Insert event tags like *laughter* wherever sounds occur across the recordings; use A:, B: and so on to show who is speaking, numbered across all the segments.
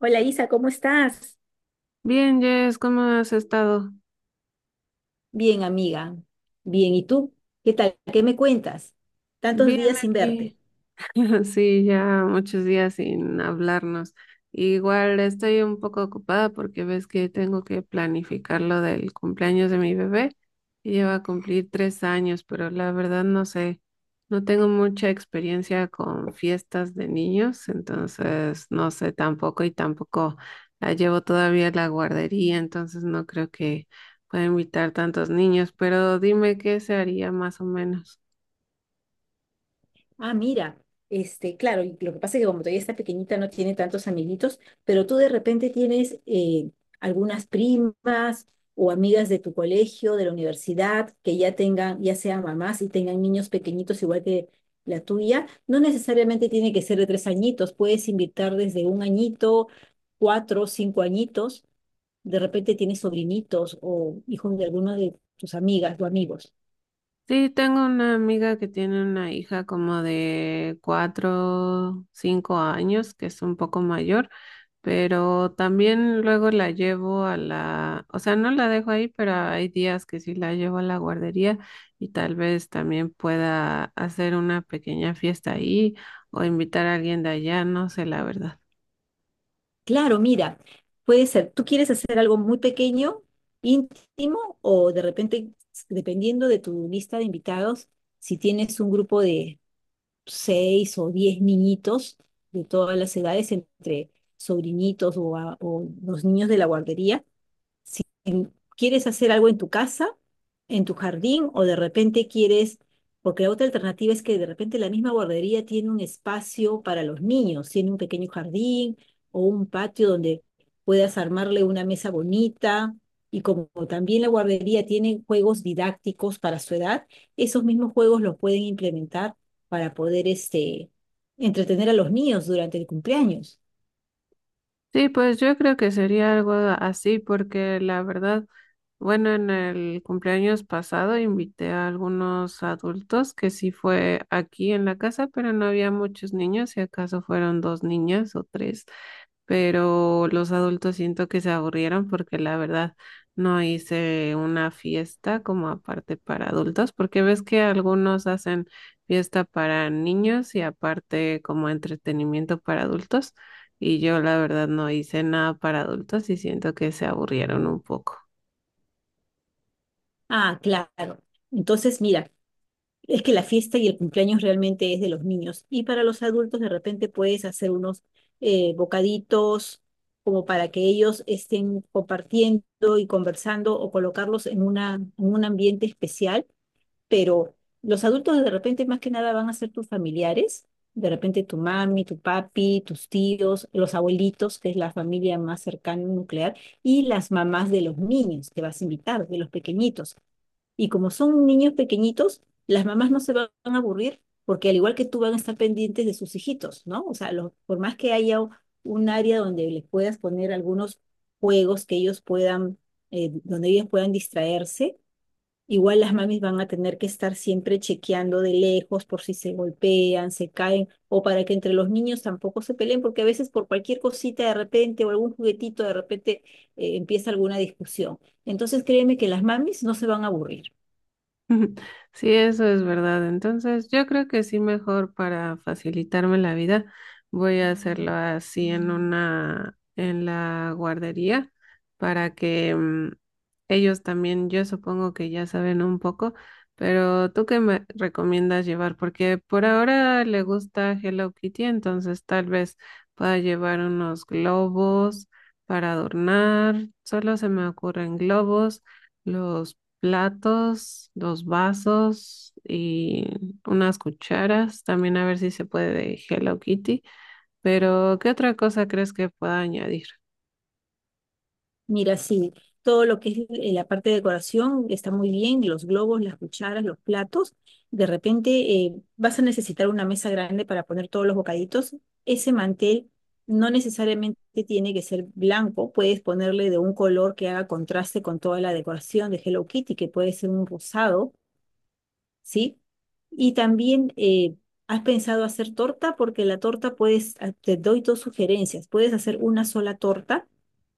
A: Hola Isa, ¿cómo estás?
B: Bien, Jess, ¿cómo has estado?
A: Bien, amiga. Bien, ¿y tú? ¿Qué tal? ¿Qué me cuentas? Tantos
B: Bien
A: días sin verte.
B: aquí. *laughs* Sí, ya muchos días sin hablarnos. Igual estoy un poco ocupada porque ves que tengo que planificar lo del cumpleaños de mi bebé, que lleva a cumplir 3 años, pero la verdad no sé, no tengo mucha experiencia con fiestas de niños, entonces no sé tampoco y tampoco la llevo todavía a la guardería, entonces no creo que pueda invitar tantos niños, pero dime qué se haría más o menos.
A: Ah, mira, claro, y lo que pasa es que como todavía está pequeñita no tiene tantos amiguitos, pero tú de repente tienes algunas primas o amigas de tu colegio, de la universidad, que ya tengan, ya sean mamás y tengan niños pequeñitos igual que la tuya. No necesariamente tiene que ser de 3 añitos, puedes invitar desde 1 añito, 4, 5 añitos de repente tienes sobrinitos o hijos de alguno de tus amigas o amigos.
B: Sí, tengo una amiga que tiene una hija como de 4, 5 años, que es un poco mayor, pero también luego la llevo a la, o sea, no la dejo ahí, pero hay días que sí la llevo a la guardería y tal vez también pueda hacer una pequeña fiesta ahí o invitar a alguien de allá, no sé, la verdad.
A: Claro, mira, puede ser, tú quieres hacer algo muy pequeño, íntimo, o de repente, dependiendo de tu lista de invitados, si tienes un grupo de seis o 10 niñitos de todas las edades, entre sobrinitos o, o los niños de la guardería, ¿quieres hacer algo en tu casa, en tu jardín, o de repente quieres, porque la otra alternativa es que de repente la misma guardería tiene un espacio para los niños, tiene un pequeño jardín o un patio donde puedas armarle una mesa bonita? Y como también la guardería tiene juegos didácticos para su edad, esos mismos juegos los pueden implementar para poder entretener a los niños durante el cumpleaños.
B: Sí, pues yo creo que sería algo así, porque la verdad, bueno, en el cumpleaños pasado invité a algunos adultos que sí fue aquí en la casa, pero no había muchos niños, si acaso fueron dos niñas o tres, pero los adultos siento que se aburrieron porque la verdad no hice una fiesta como aparte para adultos, porque ves que algunos hacen fiesta para niños y aparte como entretenimiento para adultos, y yo la verdad no hice nada para adultos y siento que se aburrieron un poco.
A: Ah, claro. Entonces, mira. Es que la fiesta y el cumpleaños realmente es de los niños. Y para los adultos de repente puedes hacer unos bocaditos como para que ellos estén compartiendo y conversando o colocarlos en una, en un ambiente especial. Pero los adultos de repente más que nada van a ser tus familiares, de repente tu mami, tu papi, tus tíos, los abuelitos, que es la familia más cercana nuclear, y las mamás de los niños que vas a invitar, de los pequeñitos. Y como son niños pequeñitos, las mamás no se van a aburrir porque al igual que tú van a estar pendientes de sus hijitos, ¿no? O sea, por más que haya un área donde les puedas poner algunos juegos que ellos puedan, donde ellos puedan distraerse, igual las mamis van a tener que estar siempre chequeando de lejos por si se golpean, se caen, o para que entre los niños tampoco se peleen, porque a veces por cualquier cosita de repente o algún juguetito de repente empieza alguna discusión. Entonces créeme que las mamis no se van a aburrir.
B: *laughs* Ujú. Sí, eso es verdad. Entonces, yo creo que sí, mejor para facilitarme la vida, voy a hacerlo así en la guardería, para que ellos también, yo supongo que ya saben un poco, pero ¿tú qué me recomiendas llevar? Porque por ahora le gusta Hello Kitty, entonces tal vez pueda llevar unos globos para adornar. Solo se me ocurren globos, los platos, dos vasos y unas cucharas. También a ver si se puede de Hello Kitty. Pero, ¿qué otra cosa crees que pueda añadir?
A: Mira, sí, todo lo que es la parte de decoración está muy bien, los globos, las cucharas, los platos. De repente vas a necesitar una mesa grande para poner todos los bocaditos. Ese mantel no necesariamente tiene que ser blanco, puedes ponerle de un color que haga contraste con toda la decoración de Hello Kitty, que puede ser un rosado, ¿sí? Y también ¿has pensado hacer torta? Porque la torta puedes, ah, te doy dos sugerencias, puedes hacer una sola torta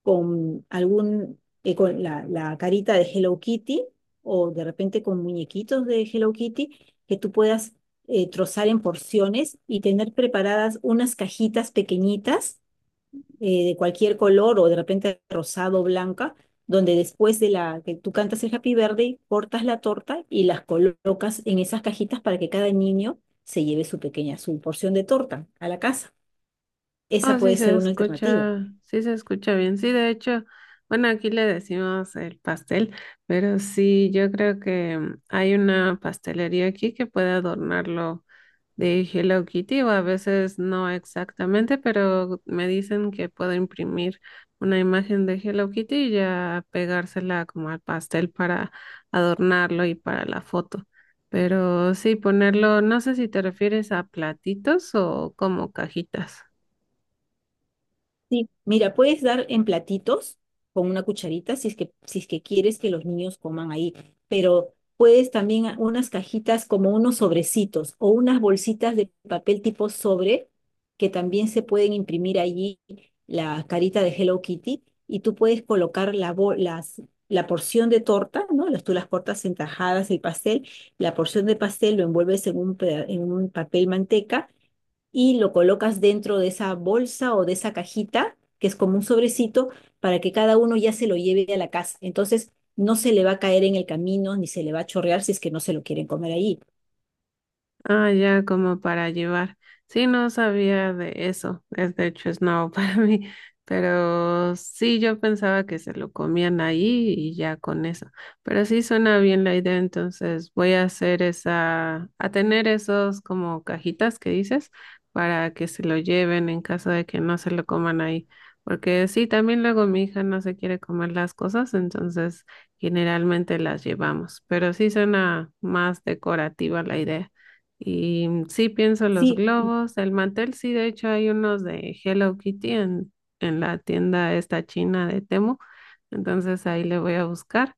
A: con algún, con la carita de Hello Kitty o de repente con muñequitos de Hello Kitty que tú puedas trozar en porciones y tener preparadas unas cajitas pequeñitas, de cualquier color o de repente rosado o blanca, donde después de la que tú cantas el Happy Birthday, cortas la torta y las colocas en esas cajitas para que cada niño se lleve su pequeña, su porción de torta a la casa. Esa
B: Ah,
A: puede ser una alternativa.
B: sí se escucha bien. Sí, de hecho, bueno, aquí le decimos el pastel, pero sí, yo creo que hay una pastelería aquí que puede adornarlo de Hello Kitty, o a veces no exactamente, pero me dicen que puedo imprimir una imagen de Hello Kitty y ya pegársela como al pastel para adornarlo y para la foto. Pero sí, ponerlo, no sé si te refieres a platitos o como cajitas.
A: Sí, mira, puedes dar en platitos con una cucharita si es que, quieres que los niños coman ahí, pero puedes también unas cajitas como unos sobrecitos o unas bolsitas de papel tipo sobre que también se pueden imprimir allí la carita de Hello Kitty y tú puedes colocar la porción de torta, ¿no? Las, tú las cortas en tajadas el pastel, la porción de pastel lo envuelves en un, en un papel manteca y lo colocas dentro de esa bolsa o de esa cajita, que es como un sobrecito, para que cada uno ya se lo lleve a la casa. Entonces, no se le va a caer en el camino ni se le va a chorrear si es que no se lo quieren comer ahí.
B: Ah, ya como para llevar. Sí, no sabía de eso. Es, de hecho es nuevo *laughs* para mí, pero sí yo pensaba que se lo comían ahí y ya con eso. Pero sí suena bien la idea, entonces voy a hacer esa, a tener esos como cajitas que dices, para que se lo lleven en caso de que no se lo coman ahí. Porque sí, también luego mi hija no se quiere comer las cosas, entonces generalmente las llevamos. Pero sí suena más decorativa la idea. Y sí pienso los
A: Sí,
B: globos, el mantel. Sí, de hecho hay unos de Hello Kitty en la tienda esta china de Temu, entonces ahí le voy a buscar.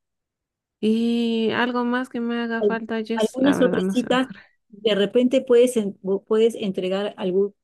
B: Y algo más que me haga
A: al-
B: falta, Jess, la
A: algunas
B: verdad no se me
A: sorpresitas,
B: ocurre.
A: de repente puedes entregar algún,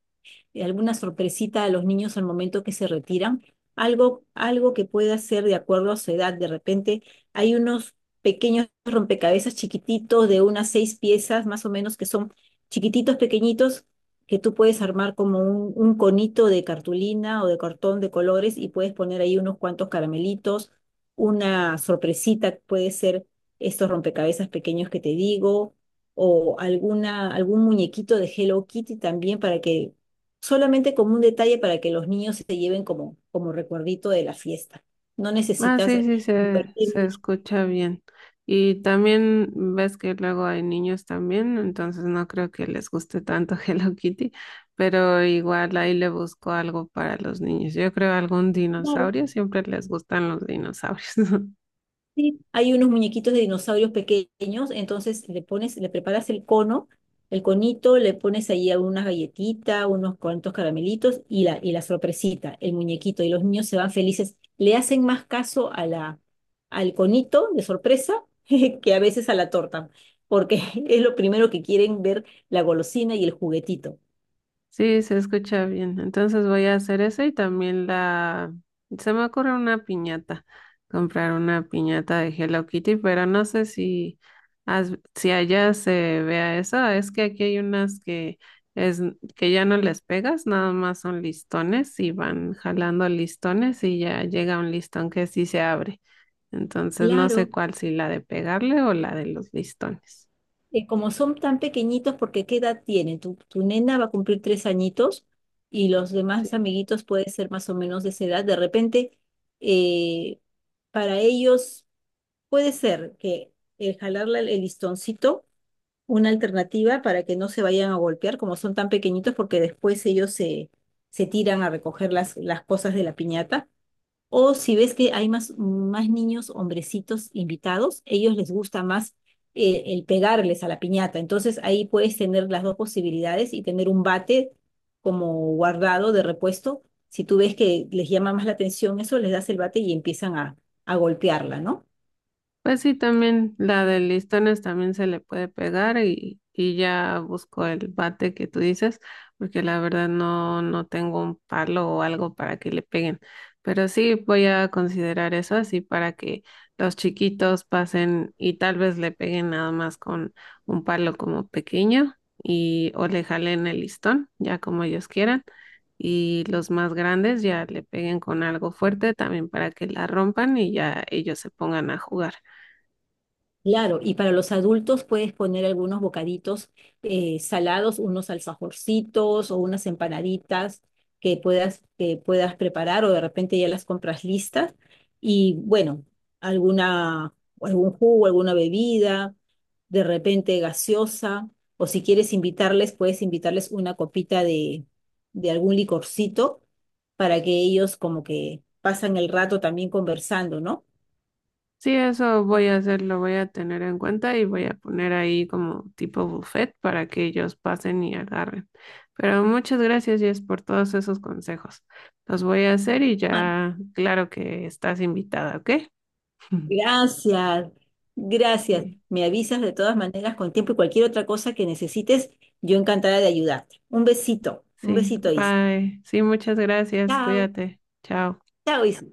A: alguna sorpresita a los niños al momento que se retiran, algo que pueda ser de acuerdo a su edad. De repente hay unos pequeños rompecabezas chiquititos de unas seis piezas más o menos que son chiquititos, pequeñitos, que tú puedes armar como un, conito de cartulina o de cartón de colores y puedes poner ahí unos cuantos caramelitos, una sorpresita puede ser estos rompecabezas pequeños que te digo, o algún muñequito de Hello Kitty también para que solamente como un detalle para que los niños se lleven como recuerdito de la fiesta. No
B: Ah,
A: necesitas
B: sí, sí, se,
A: invertir
B: se
A: mucho.
B: escucha bien. Y también ves que luego hay niños también, entonces no creo que les guste tanto *laughs* Hello Kitty, pero igual ahí le busco algo para los niños. Yo creo algún
A: Claro,
B: dinosaurio, siempre les gustan los dinosaurios. *laughs*
A: sí. Hay unos muñequitos de dinosaurios pequeños, entonces le pones, le preparas el cono, el conito, le pones ahí algunas galletitas, unos cuantos caramelitos y la sorpresita, el muñequito, y los niños se van felices. Le hacen más caso al conito de sorpresa *laughs* que a veces a la torta, porque *laughs* es lo primero que quieren ver, la golosina y el juguetito.
B: Sí, se escucha bien. Entonces voy a hacer eso y también la... Se me ocurre una piñata, comprar una piñata de Hello Kitty, pero no sé si, si allá se vea eso. Ah, es que aquí hay unas que, es... que ya no les pegas, nada más son listones y van jalando listones y ya llega un listón que sí se abre. Entonces no sé
A: Claro,
B: cuál, si la de pegarle o la de los listones.
A: como son tan pequeñitos, porque ¿qué edad tienen? Tu nena va a cumplir 3 añitos y los demás
B: Sí.
A: amiguitos pueden ser más o menos de esa edad. De repente, eh, para ellos puede ser que el jalarle el listoncito, una alternativa para que no se vayan a golpear, como son tan pequeñitos, porque después ellos se tiran a recoger las cosas de la piñata. O si ves que hay más niños, hombrecitos invitados, ellos les gusta más el pegarles a la piñata. Entonces ahí puedes tener las dos posibilidades y tener un bate como guardado de repuesto. Si tú ves que les llama más la atención eso, les das el bate y empiezan a golpearla, ¿no?
B: Pues sí, también la de listones también se le puede pegar, y ya busco el bate que tú dices, porque la verdad no, no tengo un palo o algo para que le peguen. Pero sí voy a considerar eso, así para que los chiquitos pasen y tal vez le peguen nada más con un palo como pequeño y o le jalen el listón, ya como ellos quieran. Y los más grandes ya le peguen con algo fuerte también para que la rompan y ya ellos se pongan a jugar.
A: Claro, y para los adultos puedes poner algunos bocaditos, salados, unos alfajorcitos o unas empanaditas que puedas, preparar o de repente ya las compras listas. Y bueno, alguna, algún jugo, alguna bebida, de repente gaseosa, o si quieres invitarles, puedes invitarles una copita de algún licorcito para que ellos como que pasan el rato también conversando, ¿no?
B: Sí, eso voy a hacer, lo voy a tener en cuenta y voy a poner ahí como tipo buffet para que ellos pasen y agarren. Pero muchas gracias, Jess, por todos esos consejos. Los voy a hacer y ya, claro que estás invitada, ¿ok? *laughs*
A: Gracias, gracias.
B: Sí,
A: Me avisas de todas maneras con tiempo y cualquier otra cosa que necesites, yo encantada de ayudarte. Un
B: sí,
A: besito, Isa.
B: bye. Sí, muchas gracias,
A: Chao,
B: cuídate. Chao.
A: chao, Isa.